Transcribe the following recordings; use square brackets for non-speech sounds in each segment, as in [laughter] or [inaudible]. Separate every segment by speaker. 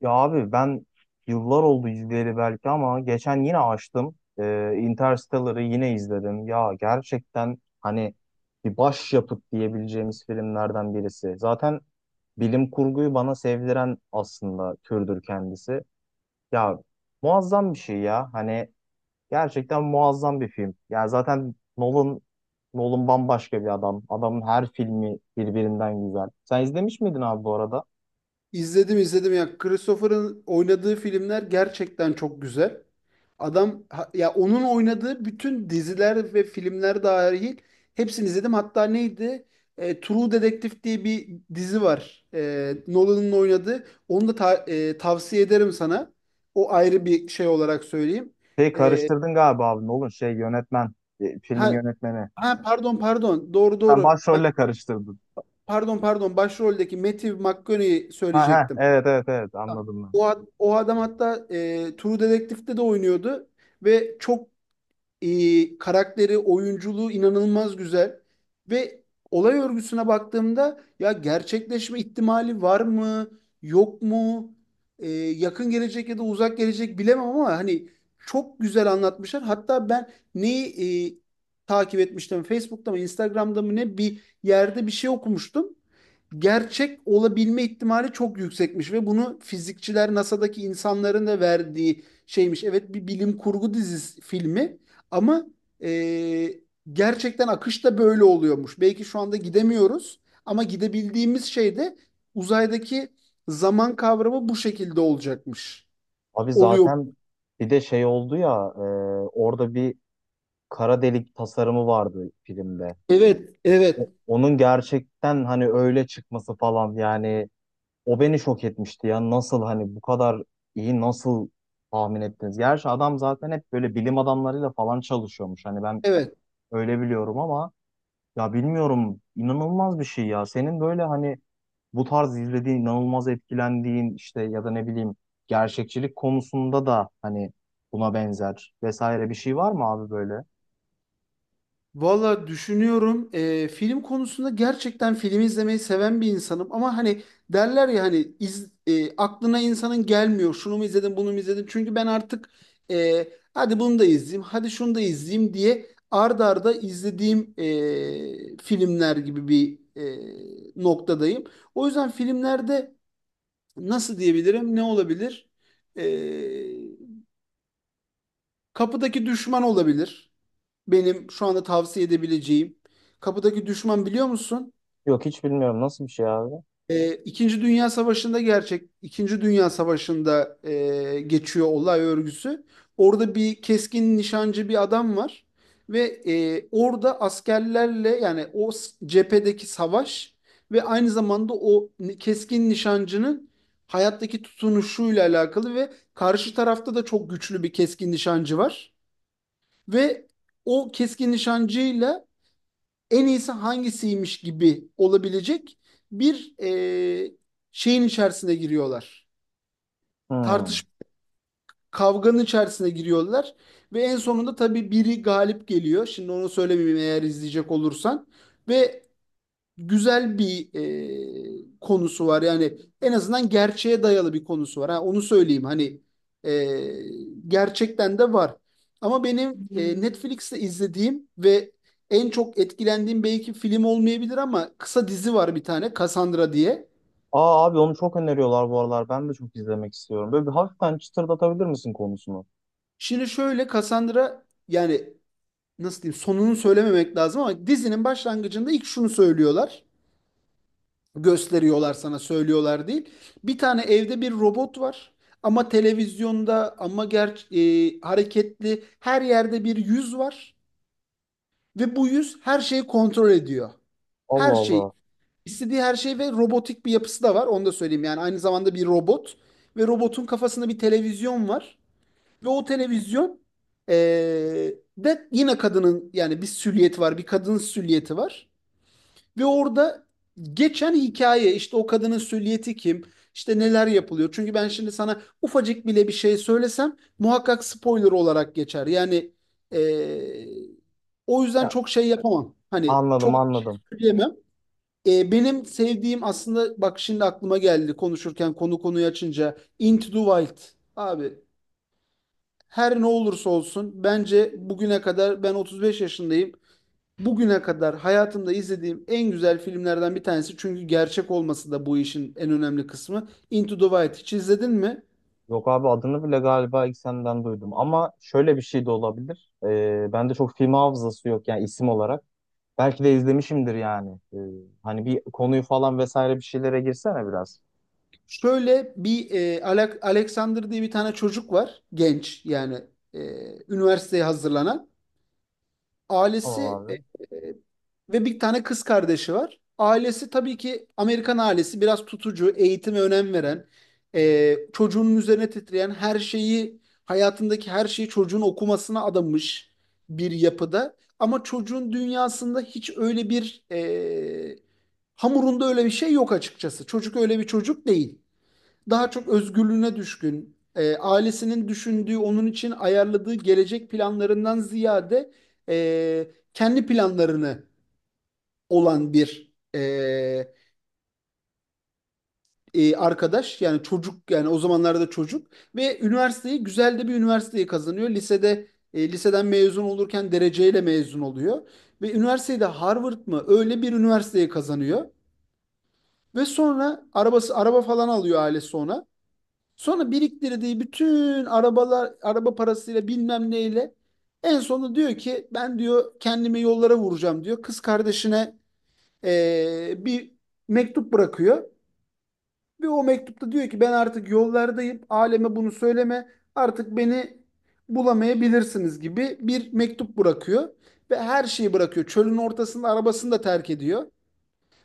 Speaker 1: Ya abi ben yıllar oldu izleyeli belki ama geçen yine açtım. Interstellar'ı yine izledim. Ya gerçekten hani bir başyapıt diyebileceğimiz filmlerden birisi. Zaten bilim kurguyu bana sevdiren aslında türdür kendisi. Ya muazzam bir şey ya. Hani gerçekten muazzam bir film. Ya zaten Nolan bambaşka bir adam. Adamın her filmi birbirinden güzel. Sen izlemiş miydin abi bu arada?
Speaker 2: İzledim izledim ya. Christopher'ın oynadığı filmler gerçekten çok güzel. Adam ya onun oynadığı bütün diziler ve filmler dahil hepsini izledim. Hatta neydi? True Detective diye bir dizi var. Nolan'ın oynadığı. Onu da tavsiye ederim sana. O ayrı bir şey olarak söyleyeyim.
Speaker 1: Şey
Speaker 2: E,
Speaker 1: karıştırdın galiba abi. Ne olur şey yönetmen. Filmin
Speaker 2: ha,
Speaker 1: yönetmeni.
Speaker 2: ha, pardon. Doğru
Speaker 1: Sen
Speaker 2: doğru. Ben
Speaker 1: başrolle karıştırdın.
Speaker 2: pardon pardon başroldeki Matthew McConaughey'i
Speaker 1: Ha ha,
Speaker 2: söyleyecektim.
Speaker 1: evet evet evet, anladım ben.
Speaker 2: O adam hatta True Detective'de de oynuyordu ve çok karakteri, oyunculuğu inanılmaz güzel. Ve olay örgüsüne baktığımda ya gerçekleşme ihtimali var mı, yok mu? Yakın gelecek ya da uzak gelecek bilemem ama hani çok güzel anlatmışlar. Hatta ben neyi takip etmiştim? Facebook'ta mı, Instagram'da mı ne bir yerde bir şey okumuştum. Gerçek olabilme ihtimali çok yüksekmiş ve bunu fizikçiler NASA'daki insanların da verdiği şeymiş. Evet, bir bilim kurgu dizisi filmi ama e, gerçekten akış da böyle oluyormuş. Belki şu anda gidemiyoruz ama gidebildiğimiz şey de uzaydaki zaman kavramı bu şekilde olacakmış.
Speaker 1: Abi
Speaker 2: Oluyor.
Speaker 1: zaten bir de şey oldu ya, orada bir kara delik tasarımı vardı filmde.
Speaker 2: Evet, evet,
Speaker 1: Onun gerçekten hani öyle çıkması falan, yani o beni şok etmişti ya. Nasıl hani bu kadar iyi nasıl tahmin ettiniz? Gerçi adam zaten hep böyle bilim adamlarıyla falan çalışıyormuş. Hani ben
Speaker 2: evet.
Speaker 1: öyle biliyorum ama ya bilmiyorum, inanılmaz bir şey ya. Senin böyle hani bu tarz izlediğin, inanılmaz etkilendiğin işte ya da ne bileyim, gerçekçilik konusunda da hani buna benzer vesaire bir şey var mı abi böyle?
Speaker 2: Valla düşünüyorum, film konusunda gerçekten film izlemeyi seven bir insanım ama hani derler ya hani aklına insanın gelmiyor şunu mu izledim bunu mu izledim çünkü ben artık e, hadi bunu da izleyeyim hadi şunu da izleyeyim diye arda arda izlediğim filmler gibi bir noktadayım. O yüzden filmlerde nasıl diyebilirim, ne olabilir? E, Kapıdaki düşman olabilir. Benim şu anda tavsiye edebileceğim. Kapıdaki düşman, biliyor musun?
Speaker 1: Yok, hiç bilmiyorum nasıl bir şey abi.
Speaker 2: İkinci Dünya Savaşı'nda İkinci Dünya Savaşı'nda geçiyor olay örgüsü. Orada bir keskin nişancı bir adam var ve orada askerlerle yani cephedeki savaş ve aynı zamanda keskin nişancının hayattaki tutunuşuyla alakalı, ve karşı tarafta da çok güçlü bir keskin nişancı var ve o keskin nişancıyla en iyisi hangisiymiş gibi olabilecek bir e, şeyin içerisine giriyorlar.
Speaker 1: Hmm.
Speaker 2: Tartışma, kavganın içerisine giriyorlar ve en sonunda tabii biri galip geliyor. Şimdi onu söylemeyeyim eğer izleyecek olursan. Ve güzel bir konusu var. Yani en azından gerçeğe dayalı bir konusu var. Ha, onu söyleyeyim, hani e, gerçekten de var. Ama benim Netflix'te izlediğim ve en çok etkilendiğim belki film olmayabilir ama kısa dizi var bir tane, Cassandra diye.
Speaker 1: Aa abi, onu çok öneriyorlar bu aralar. Ben de çok izlemek istiyorum. Böyle bir hafiften çıtırdatabilir misin konusunu?
Speaker 2: Şimdi şöyle, Cassandra yani nasıl diyeyim, sonunu söylememek lazım ama dizinin başlangıcında ilk şunu söylüyorlar. Gösteriyorlar sana, söylüyorlar değil. Bir tane evde bir robot var ama televizyonda ama hareketli her yerde bir yüz var ve bu yüz her şeyi kontrol ediyor.
Speaker 1: Allah
Speaker 2: Her şey,
Speaker 1: Allah.
Speaker 2: istediği her şey, ve robotik bir yapısı da var, onu da söyleyeyim, yani aynı zamanda bir robot ve robotun kafasında bir televizyon var ve o televizyon e, de yine kadının, yani bir silüeti var, bir kadın silüeti var. Ve orada geçen hikaye işte, o kadının süliyeti kim? İşte neler yapılıyor? Çünkü ben şimdi sana ufacık bile bir şey söylesem muhakkak spoiler olarak geçer. Yani eee, o yüzden
Speaker 1: Ya,
Speaker 2: çok şey yapamam. Hani
Speaker 1: anladım
Speaker 2: çok
Speaker 1: anladım.
Speaker 2: söyleyemem. Benim sevdiğim, aslında bak şimdi aklıma geldi konuşurken, konu konuyu açınca, Into the Wild. Abi, her ne olursa olsun, bence bugüne kadar, ben 35 yaşındayım. Bugüne kadar hayatımda izlediğim en güzel filmlerden bir tanesi, çünkü gerçek olması da bu işin en önemli kısmı. Into the Wild hiç izledin mi?
Speaker 1: Yok abi, adını bile galiba ilk senden duydum. Ama şöyle bir şey de olabilir. Bende çok film hafızası yok yani isim olarak. Belki de izlemişimdir yani. Hani bir konuyu falan vesaire bir şeylere girsene biraz.
Speaker 2: Şöyle, bir Alexander diye bir tane çocuk var. Genç yani, e, üniversiteye hazırlanan.
Speaker 1: Tamam
Speaker 2: Ailesi
Speaker 1: abi.
Speaker 2: e, ve bir tane kız kardeşi var. Ailesi tabii ki Amerikan ailesi, biraz tutucu, eğitime önem veren, çocuğunun üzerine titreyen, her şeyi, hayatındaki her şeyi çocuğun okumasına adamış bir yapıda. Ama çocuğun dünyasında hiç öyle bir hamurunda öyle bir şey yok açıkçası. Çocuk öyle bir çocuk değil, daha çok özgürlüğüne düşkün, ailesinin düşündüğü, onun için ayarladığı gelecek planlarından ziyade kendi planlarını olan bir arkadaş. Yani çocuk, yani o zamanlarda çocuk, ve üniversiteyi, güzel de bir üniversiteyi kazanıyor. Lisede, liseden mezun olurken dereceyle mezun oluyor ve üniversitede Harvard mı öyle bir üniversiteyi kazanıyor. Ve sonra araba falan alıyor ailesi ona. Sonra biriktirdiği bütün araba parasıyla bilmem neyle en sonunda diyor ki ben diyor kendimi yollara vuracağım diyor. Kız kardeşine bir mektup bırakıyor ve o mektupta diyor ki ben artık yollardayım. Aleme bunu söyleme. Artık beni bulamayabilirsiniz gibi bir mektup bırakıyor ve her şeyi bırakıyor. Çölün ortasında arabasını da terk ediyor.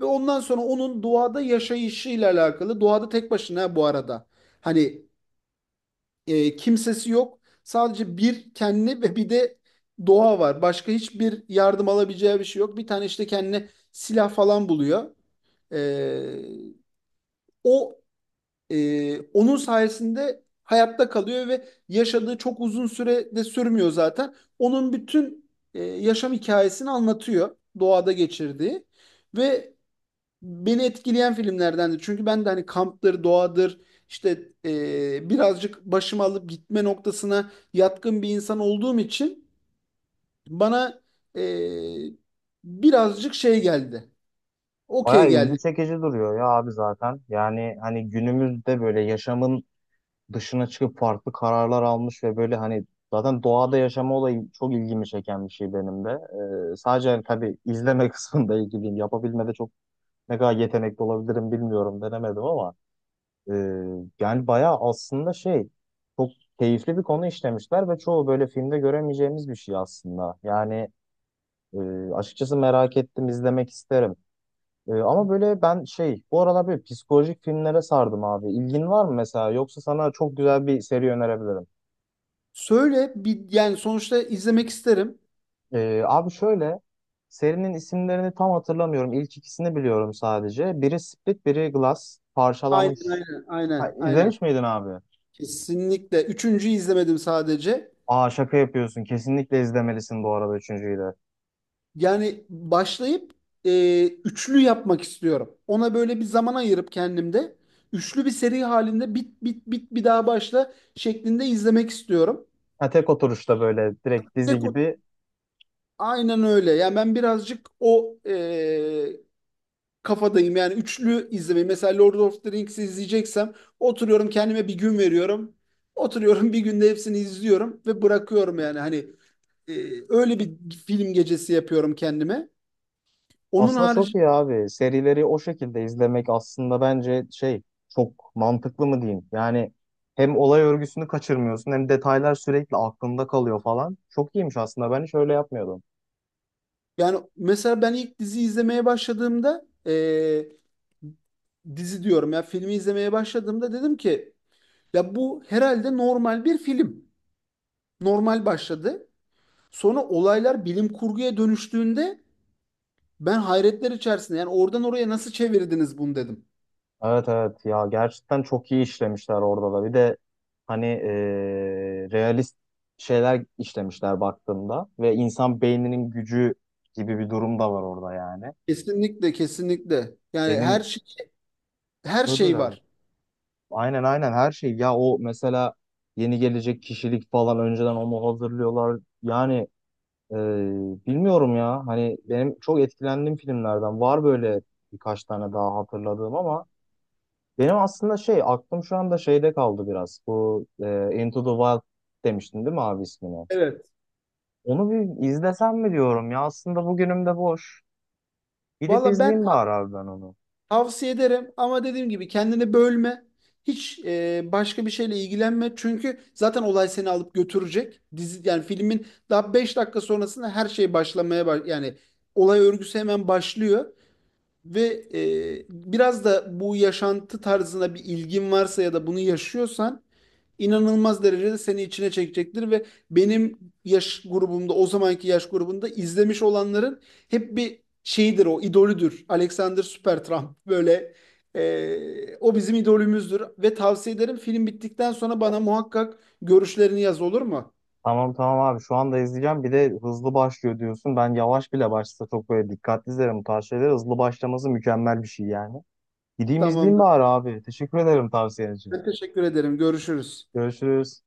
Speaker 2: Ve ondan sonra onun doğada yaşayışıyla alakalı, doğada tek başına bu arada. Hani kimsesi yok. Sadece bir kendi ve bir de doğa var. Başka hiçbir yardım alabileceği bir şey yok. Bir tane işte kendine silah falan buluyor. E, o onun sayesinde hayatta kalıyor ve yaşadığı çok uzun süre de sürmüyor zaten. Onun bütün yaşam hikayesini anlatıyor, doğada geçirdiği, ve beni etkileyen filmlerdendi. Çünkü ben de hani kamptır, doğadır, işte birazcık başımı alıp gitme noktasına yatkın bir insan olduğum için bana e, birazcık şey geldi. Okey
Speaker 1: Bayağı ilgi
Speaker 2: geldi.
Speaker 1: çekici duruyor ya abi zaten. Yani hani günümüzde böyle yaşamın dışına çıkıp farklı kararlar almış ve böyle hani zaten doğada yaşama olayı çok ilgimi çeken bir şey benim de. Sadece hani tabii izleme [laughs] kısmında ilgiliyim. Yapabilmede çok ne kadar yetenekli olabilirim bilmiyorum, denemedim ama. Ee, Yani bayağı aslında şey, çok keyifli bir konu işlemişler ve çoğu böyle filmde göremeyeceğimiz bir şey aslında. Yani e, açıkçası merak ettim, izlemek isterim. E, ama böyle ben şey, bu aralar böyle psikolojik filmlere sardım abi. İlgin var mı mesela, yoksa sana çok güzel bir seri önerebilirim.
Speaker 2: Söyle, bir yani sonuçta izlemek isterim.
Speaker 1: Abi şöyle, serinin isimlerini tam hatırlamıyorum. İlk ikisini biliyorum sadece. Biri Split biri Glass
Speaker 2: Aynen,
Speaker 1: parçalanmış.
Speaker 2: aynen,
Speaker 1: Ha,
Speaker 2: aynen, aynen.
Speaker 1: izlemiş miydin abi?
Speaker 2: Kesinlikle. Üçüncü izlemedim sadece.
Speaker 1: Aa şaka yapıyorsun. Kesinlikle izlemelisin bu arada üçüncüyü de.
Speaker 2: Yani başlayıp üçlü yapmak istiyorum. Ona böyle bir zaman ayırıp, kendimde üçlü bir seri halinde bit bit bit bir daha başla şeklinde izlemek istiyorum.
Speaker 1: Ha, tek oturuşta böyle direkt dizi
Speaker 2: Tek o-
Speaker 1: gibi.
Speaker 2: aynen öyle. Yani ben birazcık o kafadayım. Yani üçlü izlemeyi. Mesela Lord of the Rings'i izleyeceksem oturuyorum, kendime bir gün veriyorum. Oturuyorum, bir günde hepsini izliyorum ve bırakıyorum yani. Hani e, öyle bir film gecesi yapıyorum kendime. Onun
Speaker 1: Aslında çok
Speaker 2: harici,
Speaker 1: iyi abi. Serileri o şekilde izlemek aslında bence şey, çok mantıklı mı diyeyim. Yani hem olay örgüsünü kaçırmıyorsun hem detaylar sürekli aklında kalıyor falan. Çok iyiymiş aslında. Ben hiç öyle yapmıyordum.
Speaker 2: yani mesela ben ilk dizi izlemeye başladığımda, dizi diyorum ya, filmi izlemeye başladığımda dedim ki ya bu herhalde normal bir film. Normal başladı. Sonra olaylar bilim kurguya dönüştüğünde ben hayretler içerisinde, yani oradan oraya nasıl çevirdiniz bunu dedim.
Speaker 1: Evet evet, ya gerçekten çok iyi işlemişler orada da. Bir de hani realist şeyler işlemişler baktığımda, ve insan beyninin gücü gibi bir durum da var orada yani.
Speaker 2: Kesinlikle, kesinlikle. Yani her
Speaker 1: Benim
Speaker 2: şey, her şey
Speaker 1: böyle
Speaker 2: var.
Speaker 1: aynen aynen her şey. Ya o mesela yeni gelecek kişilik falan önceden onu hazırlıyorlar. Yani e, bilmiyorum ya. Hani benim çok etkilendiğim filmlerden var böyle birkaç tane daha hatırladığım ama benim aslında şey, aklım şu anda şeyde kaldı biraz. Bu Into the Wild demiştin değil mi abi ismini?
Speaker 2: Evet.
Speaker 1: Onu bir izlesem mi diyorum ya. Aslında bugünüm de boş. Gidip
Speaker 2: Valla ben
Speaker 1: izleyeyim bari abi ben onu.
Speaker 2: tavsiye ederim ama dediğim gibi kendini bölme. Hiç başka bir şeyle ilgilenme. Çünkü zaten olay seni alıp götürecek. Dizi, yani filmin daha 5 dakika sonrasında her şey başlamaya yani olay örgüsü hemen başlıyor. Ve biraz da bu yaşantı tarzına bir ilgin varsa ya da bunu yaşıyorsan inanılmaz derecede seni içine çekecektir ve benim yaş grubumda, o zamanki yaş grubunda izlemiş olanların hep bir şeyidir, o idolüdür. Alexander Supertramp, böyle o bizim idolümüzdür ve tavsiye ederim, film bittikten sonra bana muhakkak görüşlerini yaz, olur mu?
Speaker 1: Tamam tamam abi, şu anda izleyeceğim. Bir de hızlı başlıyor diyorsun. Ben yavaş bile başlasa çok böyle dikkatli izlerim bu tarz şeyleri. Hızlı başlaması mükemmel bir şey yani. Gideyim izleyeyim
Speaker 2: Tamamdır.
Speaker 1: bari abi. Teşekkür ederim tavsiyen için.
Speaker 2: Ben teşekkür ederim. Görüşürüz.
Speaker 1: Görüşürüz.